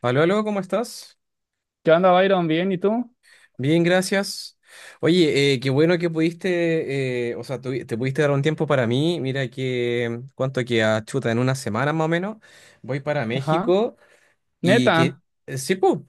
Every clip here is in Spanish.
Aló, aló, ¿cómo estás? ¿Qué onda, Byron? ¿Bien? ¿Y tú? Bien, gracias. Oye, qué bueno que pudiste, te pudiste dar un tiempo para mí. Mira que, ¿cuánto queda? Chuta, en una semana más o menos, voy para Ajá. México y que, Neta. Sí, pues,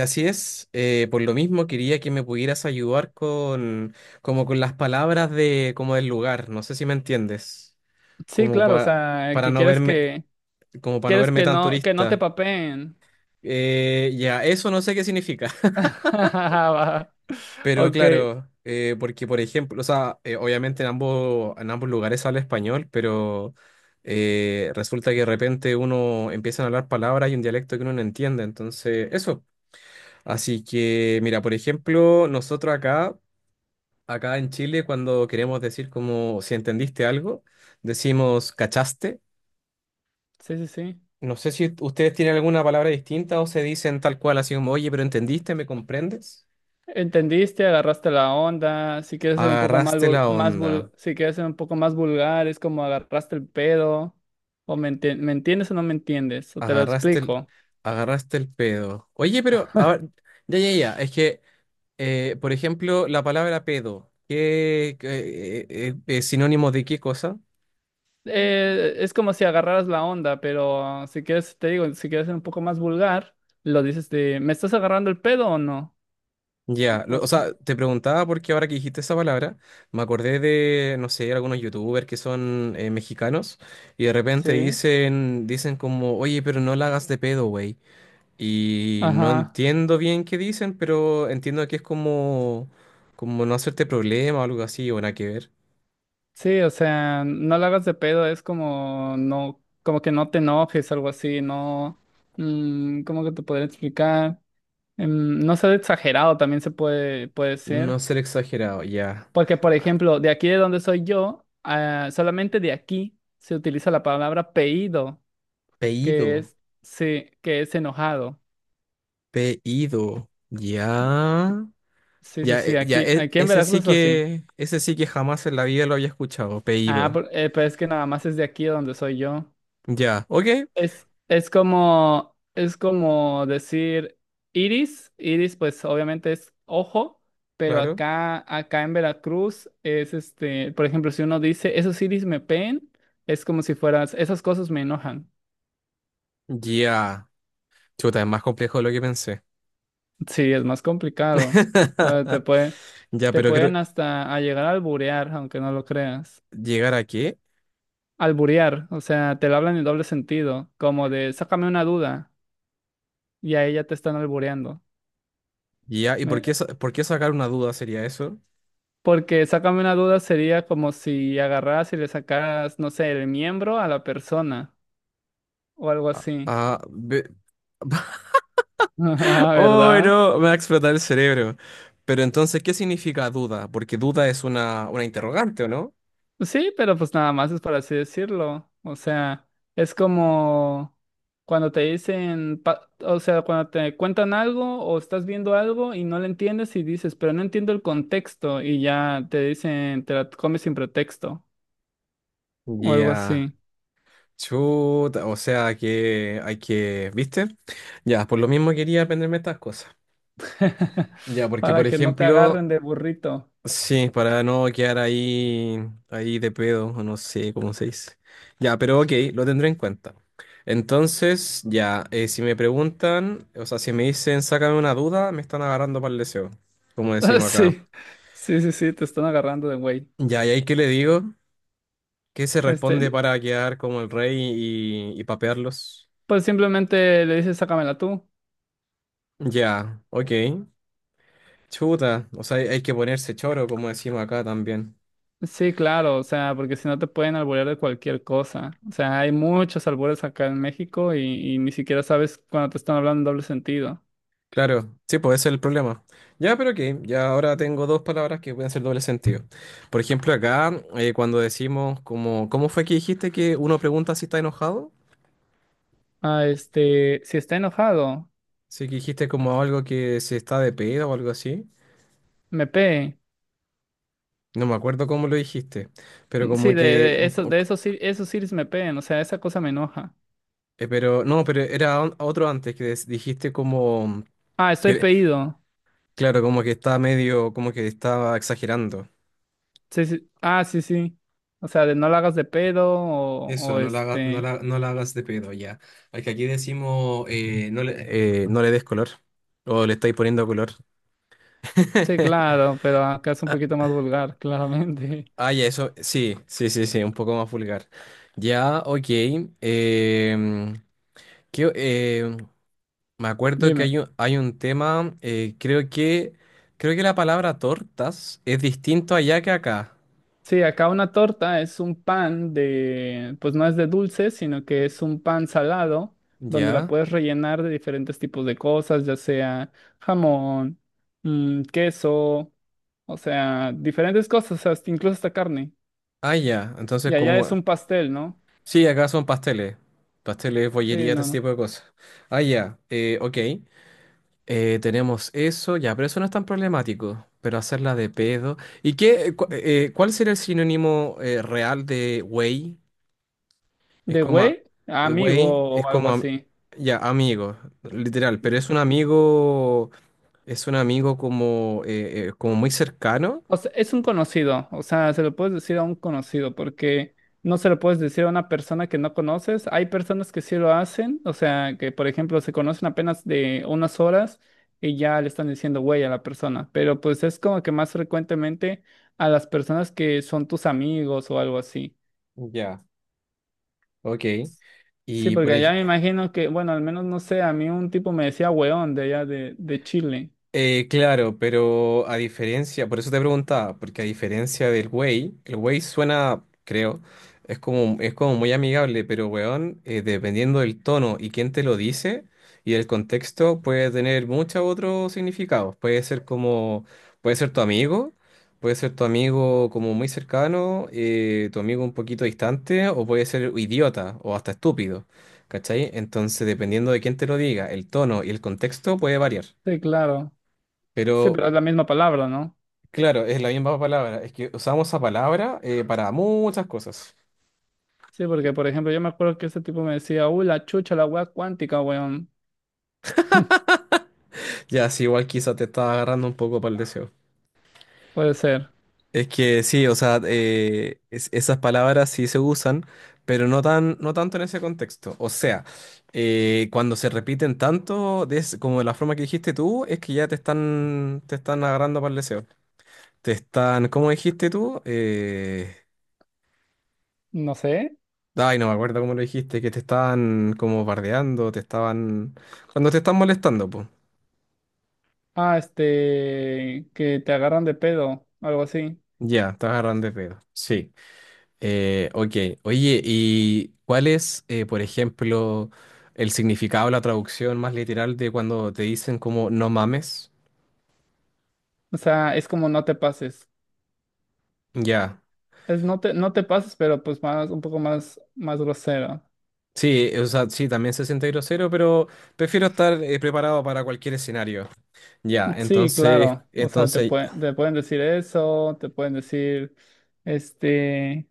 así es. Por lo mismo quería que me pudieras ayudar con, como con las palabras de, como del lugar. ¿No sé si me entiendes? Sí, Como claro, o pa- sea, para que no quieres verme, que como para no quieres verme que tan no que no te turista. papeen. Ya, eso no sé qué significa. Va. Pero Ok. claro, porque por ejemplo, obviamente en ambos lugares habla español, pero resulta que de repente uno empiezan a hablar palabras y un dialecto que uno no entiende. Entonces, eso. Así que, mira, por ejemplo, nosotros acá, acá en Chile, cuando queremos decir como si entendiste algo, decimos cachaste. Sí, sí, sí. No sé si ustedes tienen alguna palabra distinta o se dicen tal cual, así como, oye, pero entendiste, ¿me comprendes? Entendiste, agarraste la onda. Si quieres ser un poco Agarraste la onda. Si quieres ser un poco más vulgar, es como agarraste el pedo. ¿Me entiendes o no me entiendes? O te lo Agarraste el, explico. agarraste el pedo. Oye, pero, a ver, ya, ya, ya. Es que, por ejemplo, la palabra pedo, ¿ es sinónimo de qué cosa? Es como si agarraras la onda, pero si quieres, te digo, si quieres ser un poco más vulgar, lo dices de, ¿me estás agarrando el pedo o no? O O sea, sea, te preguntaba porque ahora que dijiste esa palabra, me acordé de, no sé, algunos youtubers que son mexicanos y de repente sí, dicen como, oye, pero no la hagas de pedo, güey. Y no ajá. entiendo bien qué dicen, pero entiendo que es como, como no hacerte problema o algo así, o nada que ver. Sí, o sea, no la hagas de pedo, es como no, como que no te enojes, algo así, no, ¿cómo que te podría explicar? No ser exagerado también se puede, puede No ser. ser exagerado, ya. Porque, por ejemplo, de aquí de donde soy yo, solamente de aquí se utiliza la palabra pedido, que Pedido, es, sí, que es enojado. pedido, ya. Sí, sí, Ya, sí, aquí en Veracruz es así. Ese sí que jamás en la vida lo había escuchado, Ah, pedido. Pero es que nada más es de aquí de donde soy yo. Ya, ok, Es como decir iris. Iris, pues obviamente es ojo, pero claro. acá, acá en Veracruz es este, por ejemplo, si uno dice esos iris me peen, es como si fueras, esas cosas me enojan. Ya. Chuta, es más complejo de lo que pensé. Sí, es más complicado. Eh, te puede, Ya, te pero creo, pueden hasta a llegar a alburear, aunque no lo creas. ¿llegar a qué? Alburear, o sea, te lo hablan en doble sentido, como de sácame una duda, y ahí ya te están albureando. Ya, ¿ por qué sacar una duda sería eso? Porque sácame una duda, sería como si agarras y le sacaras, no sé, el miembro a la persona o algo Ah, así. ah, ve- Ajá, Oh, ¿verdad? no, me va a explotar el cerebro. Pero entonces, ¿qué significa duda? Porque duda es una interrogante, ¿o no? Sí, pero pues nada más es por así decirlo. O sea, es como cuando te dicen, o sea, cuando te cuentan algo o estás viendo algo y no le entiendes y dices, pero no entiendo el contexto y ya te dicen, te la comes sin pretexto o algo Ya. así, Chuta, o sea que hay que, ¿viste? Ya, por lo mismo quería aprenderme estas cosas. Ya, porque por para que no te ejemplo, agarren de burrito. sí, para no quedar ahí, ahí de pedo, o no sé cómo se dice. Ya, pero ok, lo tendré en cuenta. Entonces, ya, si me preguntan, o sea, si me dicen, sácame una duda, me están agarrando para el deseo, como decimos acá. Sí, sí, sí, sí, te están agarrando de güey. Ya, ¿y ahí qué le digo? ¿Qué se Este, responde para quedar como el rey y papearlos? pues simplemente le dices, sácamela tú. Ya, ok. Chuta, o sea, hay que ponerse choro, como decimos acá también. Sí, claro, o sea, porque si no te pueden alburear de cualquier cosa. O sea, hay muchos albures acá en México y ni siquiera sabes cuando te están hablando en doble sentido. Claro, sí, pues ese es el problema. Ya, pero que ya ahora tengo dos palabras que pueden ser doble sentido. Por ejemplo, acá, cuando decimos como, ¿cómo fue que dijiste que uno pregunta si está enojado? Ah, este, si está enojado, Sí, que dijiste como algo que se está de pedo o algo así. me pegue. No me acuerdo cómo lo dijiste, pero como Sí, que, de esos, sí- esos siris me peguen, o sea, esa cosa me enoja. Pero, no, pero era on- otro antes que dijiste como, Ah, estoy que, pedido. claro, como que está medio, como que estaba exagerando. Sí, sí. Ah, sí, sí. O sea, de no la hagas de pedo Eso, o este. No la hagas de pedo ya. Al que aquí decimos, no le des color. O le estáis poniendo color. Sí, claro, pero acá es un poquito más vulgar, claramente. Ah, ya, eso, sí, sí, sí, sí, un poco más vulgar. Ya, ok. em, que, me acuerdo que Dime. Hay un tema, creo que la palabra tortas es distinto allá que acá. Sí, acá una torta es un pan de, pues no es de dulce, sino que es un pan salado, donde la Ya. puedes rellenar de diferentes tipos de cosas, ya sea jamón, queso, o sea, diferentes cosas, hasta, incluso hasta carne. Ah, ya. Entonces, Y allá es como un pastel, ¿no? sí, acá son pasteles. Pasteles, Sí, bollería, todo no, ese no. tipo de cosas. Ah, ya. Ok. Tenemos eso, ya, pero eso no es tan problemático. Pero hacerla de pedo. ¿Y qué? ¿Cuál sería el sinónimo real de güey? Es De como. a- güey, Güey amigo es o como. algo así. Ya, amigo, literal. Pero es un amigo. Es un amigo como. Como muy cercano. O sea, es un conocido, o sea, se lo puedes decir a un conocido porque no se lo puedes decir a una persona que no conoces. Hay personas que sí lo hacen, o sea, que por ejemplo se conocen apenas de unas horas y ya le están diciendo güey a la persona, pero pues es como que más frecuentemente a las personas que son tus amigos o algo así. Ya, ok. Sí, Y por, porque allá ej- me imagino que, bueno, al menos no sé, a mí un tipo me decía weón de allá de Chile. Claro, pero a diferencia, por eso te preguntaba, porque a diferencia del Way, el Way suena, creo, es como muy amigable, pero weón, dependiendo del tono y quién te lo dice y el contexto, puede tener muchos otros significados. Puede ser como, puede ser tu amigo, puede ser tu amigo como muy cercano, tu amigo un poquito distante, o puede ser idiota o hasta estúpido, ¿cachai? Entonces, dependiendo de quién te lo diga, el tono y el contexto puede variar. Sí, claro. Sí, Pero, pero es la misma palabra, no. claro, es la misma palabra. Es que usamos esa palabra para muchas cosas. Sí, porque por ejemplo, yo me acuerdo que ese tipo me decía, uy, la chucha, la weá cuántica, weón. Ya, sí, igual quizá te estaba agarrando un poco para el deseo. Puede ser. Es que sí, esas palabras sí se usan, pero no tan, no tanto en ese contexto. O sea, cuando se repiten tanto, como de la forma que dijiste tú, es que ya te están agarrando para el deseo. Te están, ¿cómo dijiste tú? No sé. Ay, no me acuerdo cómo lo dijiste, que te estaban como bardeando, te estaban, cuando te están molestando, pues. Ah, este, que te agarran de pedo, algo así. Ya, estás agarrando de pedo. Sí. Ok. Oye, ¿ por ejemplo, el significado, la traducción más literal de cuando te dicen como no mames? O sea, es como no te pases. Ya. Es no te pases, pero pues más, un poco más, más grosero. Sí, o sea, sí, también se siente grosero, pero prefiero estar preparado para cualquier escenario. Ya, Sí, entonces, claro. O sea, entonces, te pueden decir eso, te pueden decir, este,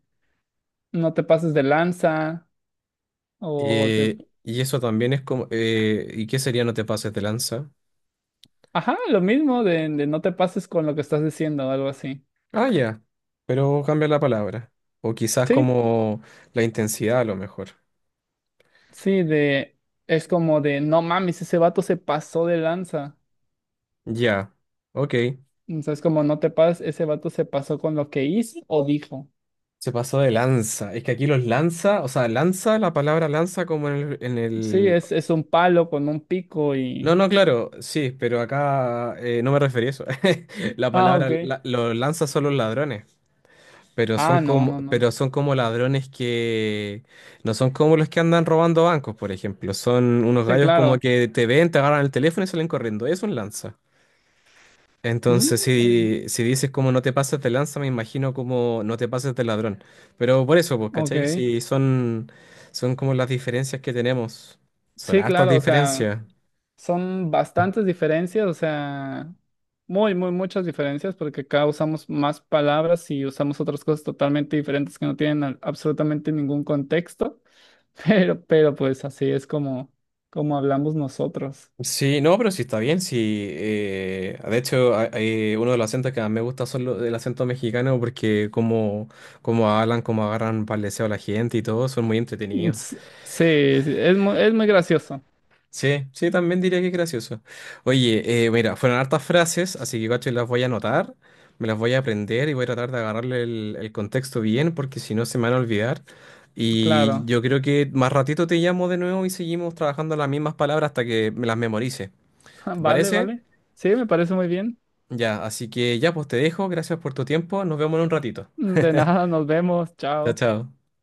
no te pases de lanza, o te, y eso también es como, ¿y qué sería no te pases de lanza? ajá, lo mismo de no te pases con lo que estás diciendo, algo así. Ah, ya, pero cambia la palabra. O quizás Sí. como la intensidad a lo mejor. Sí, es como de, no mames, ese vato se pasó de lanza. Ya, ok. O sea, es como, no te pases, ese vato se pasó con lo que hizo o dijo. Se pasó de lanza. Es que aquí los lanza, o sea, lanza, la palabra lanza como en Sí, el- es un palo con un pico No, y... no, claro, sí, pero acá no me referí a eso. Ah, ok. Los lanza son los ladrones, Ah, no, no, no. pero son como ladrones que no son como los que andan robando bancos, por ejemplo. Son unos Sí, gallos como claro. que te ven, te agarran el teléfono y salen corriendo. Es un lanza. Mm, Entonces, bueno, si dices como no te pases de lanza, me imagino como no te pases de ladrón. Pero por eso, pues, ¿cachai? ok. Si son, Son como las diferencias que tenemos. Son Sí, hartas claro, o sea... diferencias. Son bastantes diferencias, o sea, muy, muy, muchas diferencias, porque acá usamos más palabras y usamos otras cosas totalmente diferentes que no tienen absolutamente ningún contexto, pero pues así es como, como hablamos nosotros. Sí, no, pero sí está bien. Sí, uno de los acentos que más me gusta son los, el acento mexicano porque como, como hablan, como agarran paleseo a la gente y todo, son muy entretenidos. Sí, sí, es muy gracioso, Sí, sí, también diría que es gracioso. Oye, mira, fueron hartas frases, así que cacho, las voy a anotar, me las voy a aprender y voy a tratar de agarrarle el contexto bien, porque si no se me van a olvidar. Y claro. yo creo que más ratito te llamo de nuevo y seguimos trabajando las mismas palabras hasta que me las memorice. ¿Te Vale, parece? vale. Sí, me parece muy bien. Ya, así que ya, pues te dejo, gracias por tu tiempo, nos vemos en un ratito. De nada, nos vemos, Chao, chao. chao.